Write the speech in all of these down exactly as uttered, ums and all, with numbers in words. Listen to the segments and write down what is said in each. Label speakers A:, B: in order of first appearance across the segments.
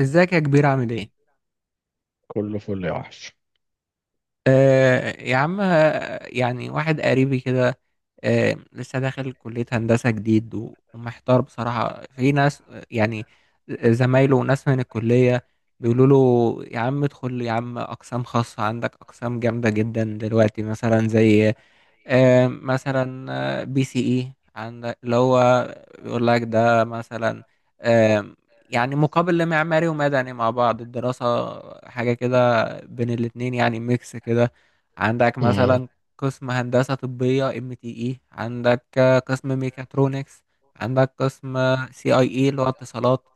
A: ازيك يا كبير؟ عامل ايه؟
B: كله فل يا وحش.
A: آه يا عم، آه، يعني واحد قريبي كده. آه، لسه داخل كلية هندسة جديد و- ومحتار بصراحة. في ناس، آه، يعني زمايله وناس من الكلية، بيقولوا له يا عم ادخل يا عم، أقسام خاصة عندك، أقسام جامدة جدا دلوقتي، مثلا زي آه، مثلا آه، بي سي اي عندك، اللي هو بيقول لك ده مثلا آه، يعني مقابل لمعماري ومدني، يعني مع بعض الدراسة، حاجة كده بين الاتنين، يعني ميكس كده. عندك
B: مم.
A: مثلا قسم هندسة طبية، ام تي اي. عندك آه، قسم ميكاترونكس. عندك قسم سي اي اي اللي هو اتصالات.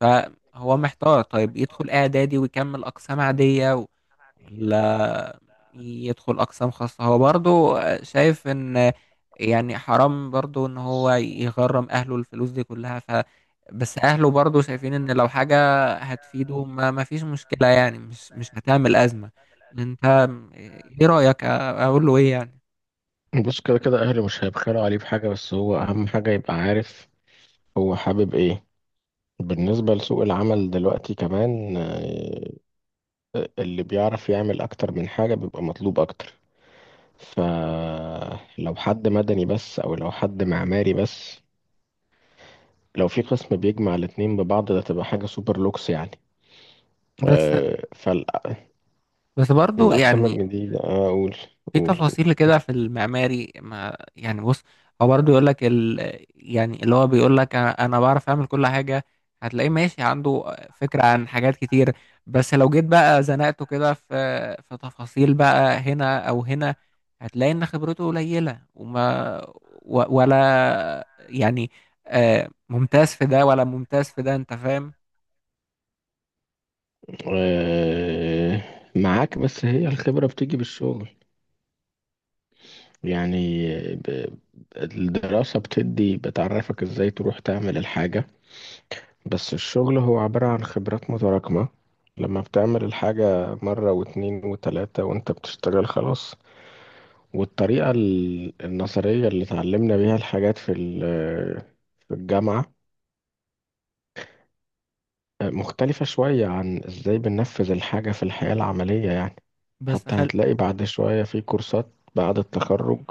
A: فهو محتار، طيب يدخل اعدادي ويكمل اقسام عادية، ولا يدخل أقسام خاصة؟ هو برضو شايف إن، يعني، حرام برضو إن هو يغرم أهله الفلوس دي كلها. ف بس أهله برضو شايفين إن لو حاجة هتفيده ما, ما فيش مشكلة، يعني مش مش هتعمل أزمة. أنت إيه رأيك؟ أقول له إيه يعني؟
B: بص كده كده، اهلي مش هيبخلوا عليه بحاجه، بس هو اهم حاجه يبقى عارف هو حابب ايه. بالنسبه لسوق العمل دلوقتي كمان، آه، اللي بيعرف يعمل اكتر من حاجه بيبقى مطلوب اكتر. فلو حد مدني بس او لو حد معماري بس، لو في قسم بيجمع الاتنين ببعض ده تبقى حاجه سوبر لوكس يعني.
A: بس
B: آه، فال
A: بس برضو
B: الأقسام
A: يعني
B: الجديدة، آه، أقول
A: في
B: أقول
A: تفاصيل
B: أقول.
A: كده في المعماري، ما يعني، بص. هو برضه يقول لك ال... يعني اللي هو بيقول لك انا أنا بعرف اعمل كل حاجه. هتلاقيه ماشي عنده فكره عن حاجات كتير، بس لو جيت بقى زنقته كده في في تفاصيل بقى هنا او هنا، هتلاقي ان خبرته قليله وما و... ولا يعني آه، ممتاز في ده ولا ممتاز في ده. انت فاهم؟
B: أه، معاك، بس هي الخبرة بتيجي بالشغل يعني. ب- الدراسة بتدي، بتعرفك ازاي تروح تعمل الحاجة، بس الشغل هو عبارة عن خبرات متراكمة. لما بتعمل الحاجة مرة واتنين وتلاتة وانت بتشتغل خلاص. والطريقة ال- النظرية اللي اتعلمنا بيها الحاجات في ال- في الجامعة مختلفة شوية عن ازاي بننفذ الحاجة في الحياة العملية يعني.
A: بس
B: حتى
A: خل...
B: هتلاقي بعد شوية في كورسات بعد التخرج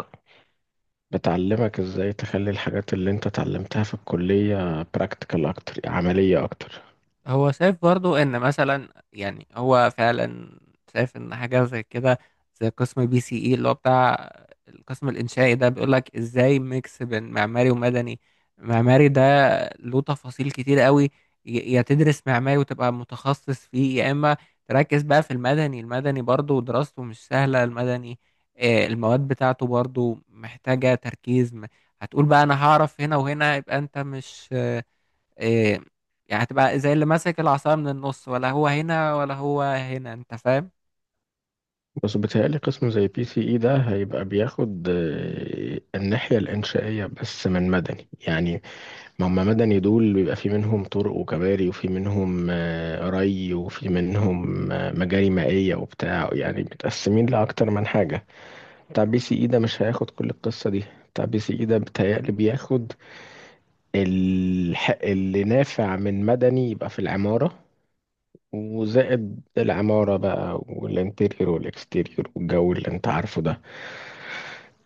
B: بتعلمك ازاي تخلي الحاجات اللي انت اتعلمتها في الكلية براكتيكال اكتر، عملية اكتر.
A: هو شايف برضو ان مثلا، يعني هو فعلا شايف ان حاجه زي كده، زي قسم بي سي اي اللي هو بتاع القسم الانشائي ده، بيقول لك ازاي ميكس بين معماري ومدني. معماري ده له تفاصيل كتير قوي، ي- يا تدرس معماري وتبقى متخصص فيه، يا اما تركز بقى في المدني. المدني برضو دراسته مش سهله، المدني آه، المواد بتاعته برضو محتاجه تركيز. م- هتقول بقى انا هعرف هنا وهنا، يبقى انت مش إيه يعني، هتبقى زي اللي ماسك العصاية من النص، ولا هو هنا ولا هو هنا. انت فاهم؟
B: بس بيتهيألي قسم زي بي سي اي ده هيبقى بياخد آه، الناحية الإنشائية بس من مدني يعني. ما هم مدني دول بيبقى في منهم طرق وكباري، وفي منهم آه، ري، وفي منهم آه، مجاري مائية وبتاع، يعني متقسمين لأكتر من حاجة. بتاع بي سي اي ده مش هياخد كل القصة دي. بتاع بي سي اي ده بيتهيألي بياخد الح... اللي نافع من مدني، يبقى في العمارة وزائد العمارة بقى، والانتيريور والاكستيريور والجو اللي انت عارفه ده،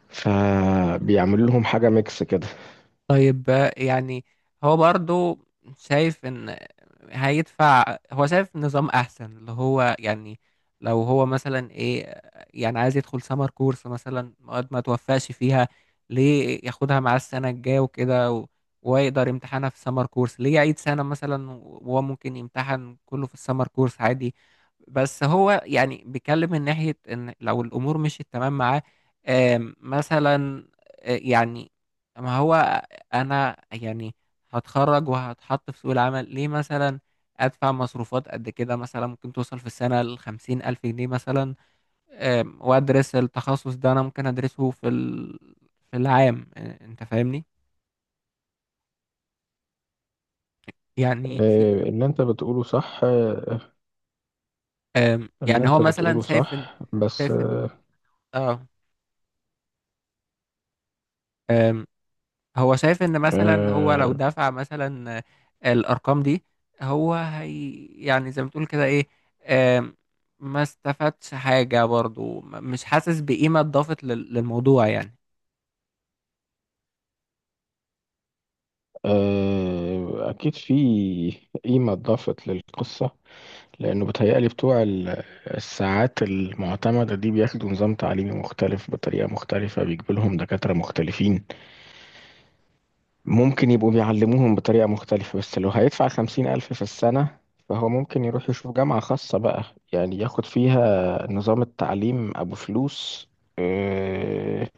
B: فبيعمل لهم حاجة ميكس كده.
A: طيب آه، يعني هو برضو شايف ان هيدفع، هو شايف نظام احسن اللي هو يعني لو هو مثلا ايه آه، يعني عايز يدخل سمر كورس مثلا، مواد ما توفقش فيها، ليه ياخدها مع السنة الجاية وكده؟ و- ويقدر يمتحنها في سمر كورس، ليه يعيد سنة مثلا وهو ممكن يمتحن كله في السمر كورس عادي؟ بس هو يعني بيتكلم من ناحية ان لو الامور مشيت تمام معاه. آم، مثلا آه، يعني ما هو انا يعني هتخرج وهتحط في سوق العمل، ليه مثلا ادفع مصروفات قد كده؟ مثلا ممكن توصل في السنة لخمسين الف جنيه مثلا. أم، وادرس التخصص ده، انا ممكن ادرسه في ال... في العام. أ- انت فاهمني؟ يعني في
B: آه، اللي انت بتقوله صح. آه،
A: أم،
B: اللي
A: يعني هو
B: انت
A: مثلا
B: بتقوله
A: شايف ان
B: صح بس،
A: شايف ان اه أم، هو شايف ان مثلا هو لو
B: آه،
A: دفع مثلا الارقام دي، هو هي يعني زي ما تقول كده ايه آم، ما استفادش حاجة برضو. م- مش حاسس بقيمة اضافت لل- للموضوع يعني.
B: آه، اكيد في قيمة اتضافت للقصة، لأنه بيتهيألي بتوع ال- الساعات المعتمدة دي بياخدوا نظام تعليمي مختلف بطريقة مختلفة، بيجيبوا لهم دكاترة مختلفين، ممكن يبقوا بيعلموهم بطريقة مختلفة. بس لو هيدفع خمسين ألف في السنة، فهو ممكن يروح يشوف جامعة خاصة بقى، يعني ياخد فيها نظام التعليم أبو فلوس، آه،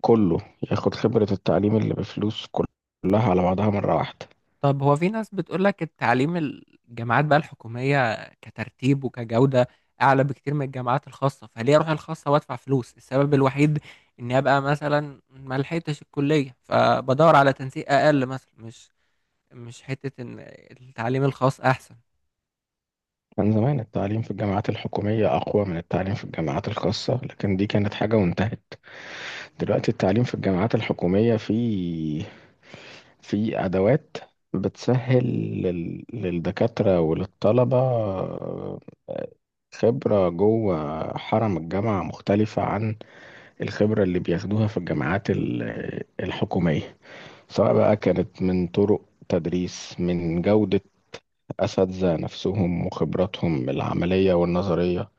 B: كله، ياخد خبرة التعليم اللي بفلوس كلها على بعضها مرة واحدة.
A: طب هو في ناس بتقولك التعليم الجامعات بقى الحكومية كترتيب وكجودة اعلى بكتير من الجامعات الخاصة، فليه اروح الخاصة وادفع فلوس؟ السبب الوحيد اني ابقى مثلا ما لحقتش الكلية، فبدور على تنسيق اقل مثلا، مش مش حتة ان التعليم الخاص احسن.
B: كان زمان التعليم في الجامعات الحكومية أقوى من التعليم في الجامعات الخاصة، لكن دي كانت حاجة وانتهت. دلوقتي التعليم في الجامعات الحكومية فيه، في أدوات بتسهل لل- للدكاترة وللطلبة. آه، خبرة جوه حرم الجامعة مختلفة عن الخبرة اللي بياخدوها في الجامعات ال- الحكومية، سواء بقى كانت من طرق تدريس، من جودة أساتذة نفسهم وخبراتهم العملية والنظرية،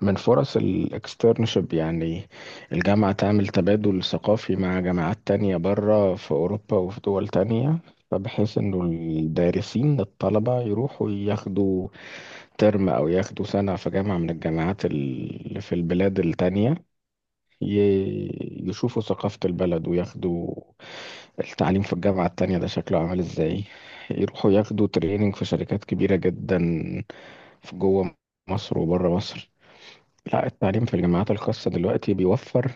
B: من فرص الاكسترنشيب يعني. الجامعة تعمل تبادل ثقافي مع جامعات تانية بره في أوروبا وفي دول تانية، فبحيث إنه الدارسين الطلبة يروحوا ياخدوا ترم أو ياخدوا سنة في جامعة من الجامعات اللي في البلاد التانية، ي- يشوفوا ثقافة البلد وياخدوا التعليم في الجامعة التانية ده شكله عامل ازاي، يروحوا ياخدوا تريننج في شركات كبيرة جدا في جوه مصر وبره مصر. لا، التعليم في الجامعات الخاصة دلوقتي بيوفر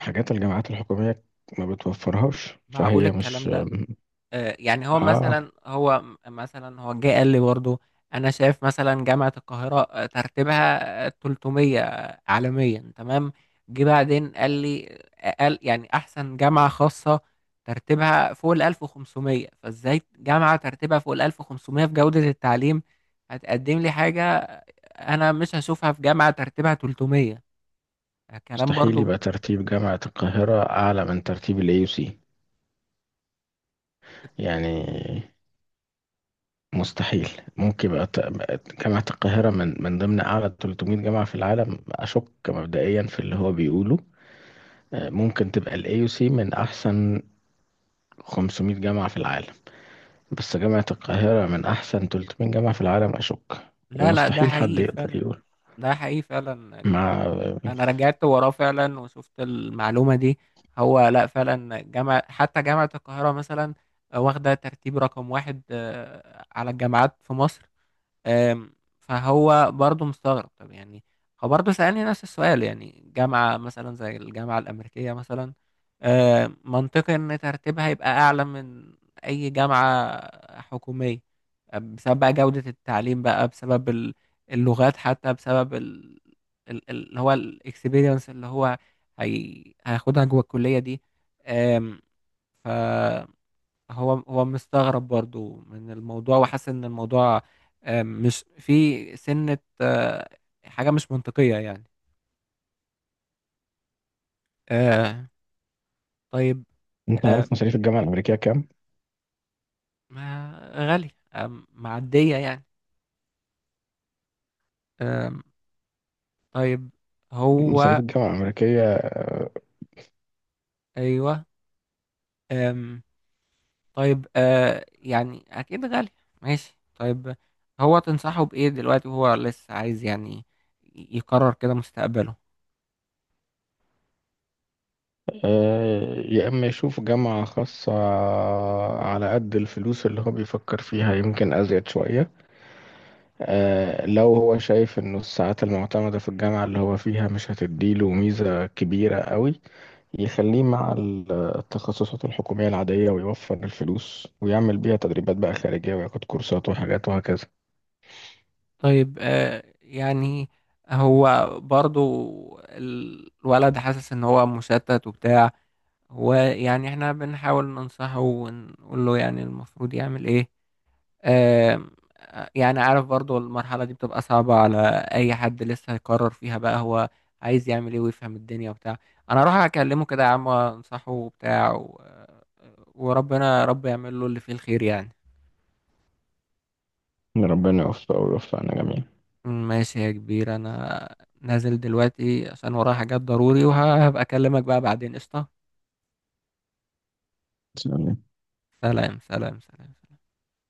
B: حاجات الجامعات الحكومية ما بتوفرهاش،
A: معقول
B: فهي
A: الكلام
B: مش.
A: ده؟ آه، يعني هو
B: اه
A: مثلا، هو م- مثلا هو جه قال لي برضه انا شايف مثلا جامعة القاهرة آه، ترتيبها آه، ثلاث مئة عالميا، تمام. جه بعدين قال لي آه، قال يعني احسن جامعة خاصة ترتيبها فوق ال ألف وخمسمية، فازاي جامعة ترتيبها فوق ال ألف وخمسمية في جودة التعليم هتقدم لي حاجة انا مش هشوفها في جامعة ترتيبها ثلاثمية؟ كلام
B: مستحيل
A: برضه.
B: يبقى ترتيب جامعة القاهرة أعلى من ترتيب ال ايه يو سي يعني، مستحيل. ممكن يبقى ت- جامعة القاهرة من من ضمن أعلى ثلاثمية جامعة في العالم أشك، مبدئيا في اللي هو بيقوله. آه، ممكن تبقى ال ايه يو سي من أحسن خمسمائة جامعة في العالم، بس جامعة القاهرة من أحسن ثلاثمية جامعة في العالم أشك.
A: لا، لا، ده
B: ومستحيل حد
A: حقيقي
B: يقدر
A: فعلا.
B: يقول.
A: ده حقيقي فعلا.
B: مع
A: انا رجعت وراه فعلا وشفت المعلومه دي. هو لا فعلا جامعه، حتى جامعه القاهره مثلا واخده ترتيب رقم واحد آه، على الجامعات في مصر. آم، فهو برضه مستغرب. طب يعني هو برضه سألني نفس السؤال، يعني جامعة مثلا زي الجامعة الأمريكية مثلا. آم، منطقي إن ترتيبها يبقى أعلى من أي جامعة حكومية بسبب بقى جودة التعليم، بقى بسبب ال- اللغات، حتى بسبب ال- ال- ال- اللي هو الاكسبيرينس اللي هو هي... هياخدها جوه الكلية دي. آم، هو هو مستغرب برضو من الموضوع وحاسس ان الموضوع آه، مش في سنة آه، حاجة مش منطقية يعني. آه، طيب.
B: أنت عارف مصاريف الجامعة الأمريكية كام؟
A: ما غالية آم، معدية يعني. آم، طيب.
B: مصاريف
A: هو
B: الجامعة الأمريكية،
A: ايوه آم، طيب آه، يعني اكيد غالية. ماشي طيب. هو تنصحه بايه دلوقتي وهو لسه عايز يعني يقرر كده مستقبله؟
B: آه، يا إما يشوف جامعة خاصة على قد الفلوس اللي هو بيفكر فيها، يمكن أزيد شوية. آه، لو هو شايف انه الساعات المعتمدة في الجامعة اللي هو فيها مش هتديله ميزة كبيرة قوي، يخليه مع ال- التخصصات الحكومية العادية ويوفر الفلوس ويعمل بيها تدريبات بقى خارجية وياخد كورسات وحاجات وهكذا.
A: طيب آه يعني هو برضو، ال- الولد حاسس ان هو مشتت وبتاع، ويعني احنا بنحاول ننصحه ونقول له يعني المفروض يعمل ايه. آه، يعني عارف برضو المرحلة دي بتبقى صعبة على اي حد لسه هيقرر فيها بقى هو عايز يعمل ايه ويفهم الدنيا وبتاع. انا اروح اكلمه كده يا عم وانصحه وبتاع و... آه، وربنا رب يعمل له اللي فيه الخير يعني.
B: ربنا يوفقه ويوفقنا جميعا.
A: ماشي يا كبير. انا نازل دلوقتي عشان ورايا حاجات ضروري، وهبقى اكلمك بقى بعدين. قشطة.
B: سلام.
A: سلام، سلام، سلام.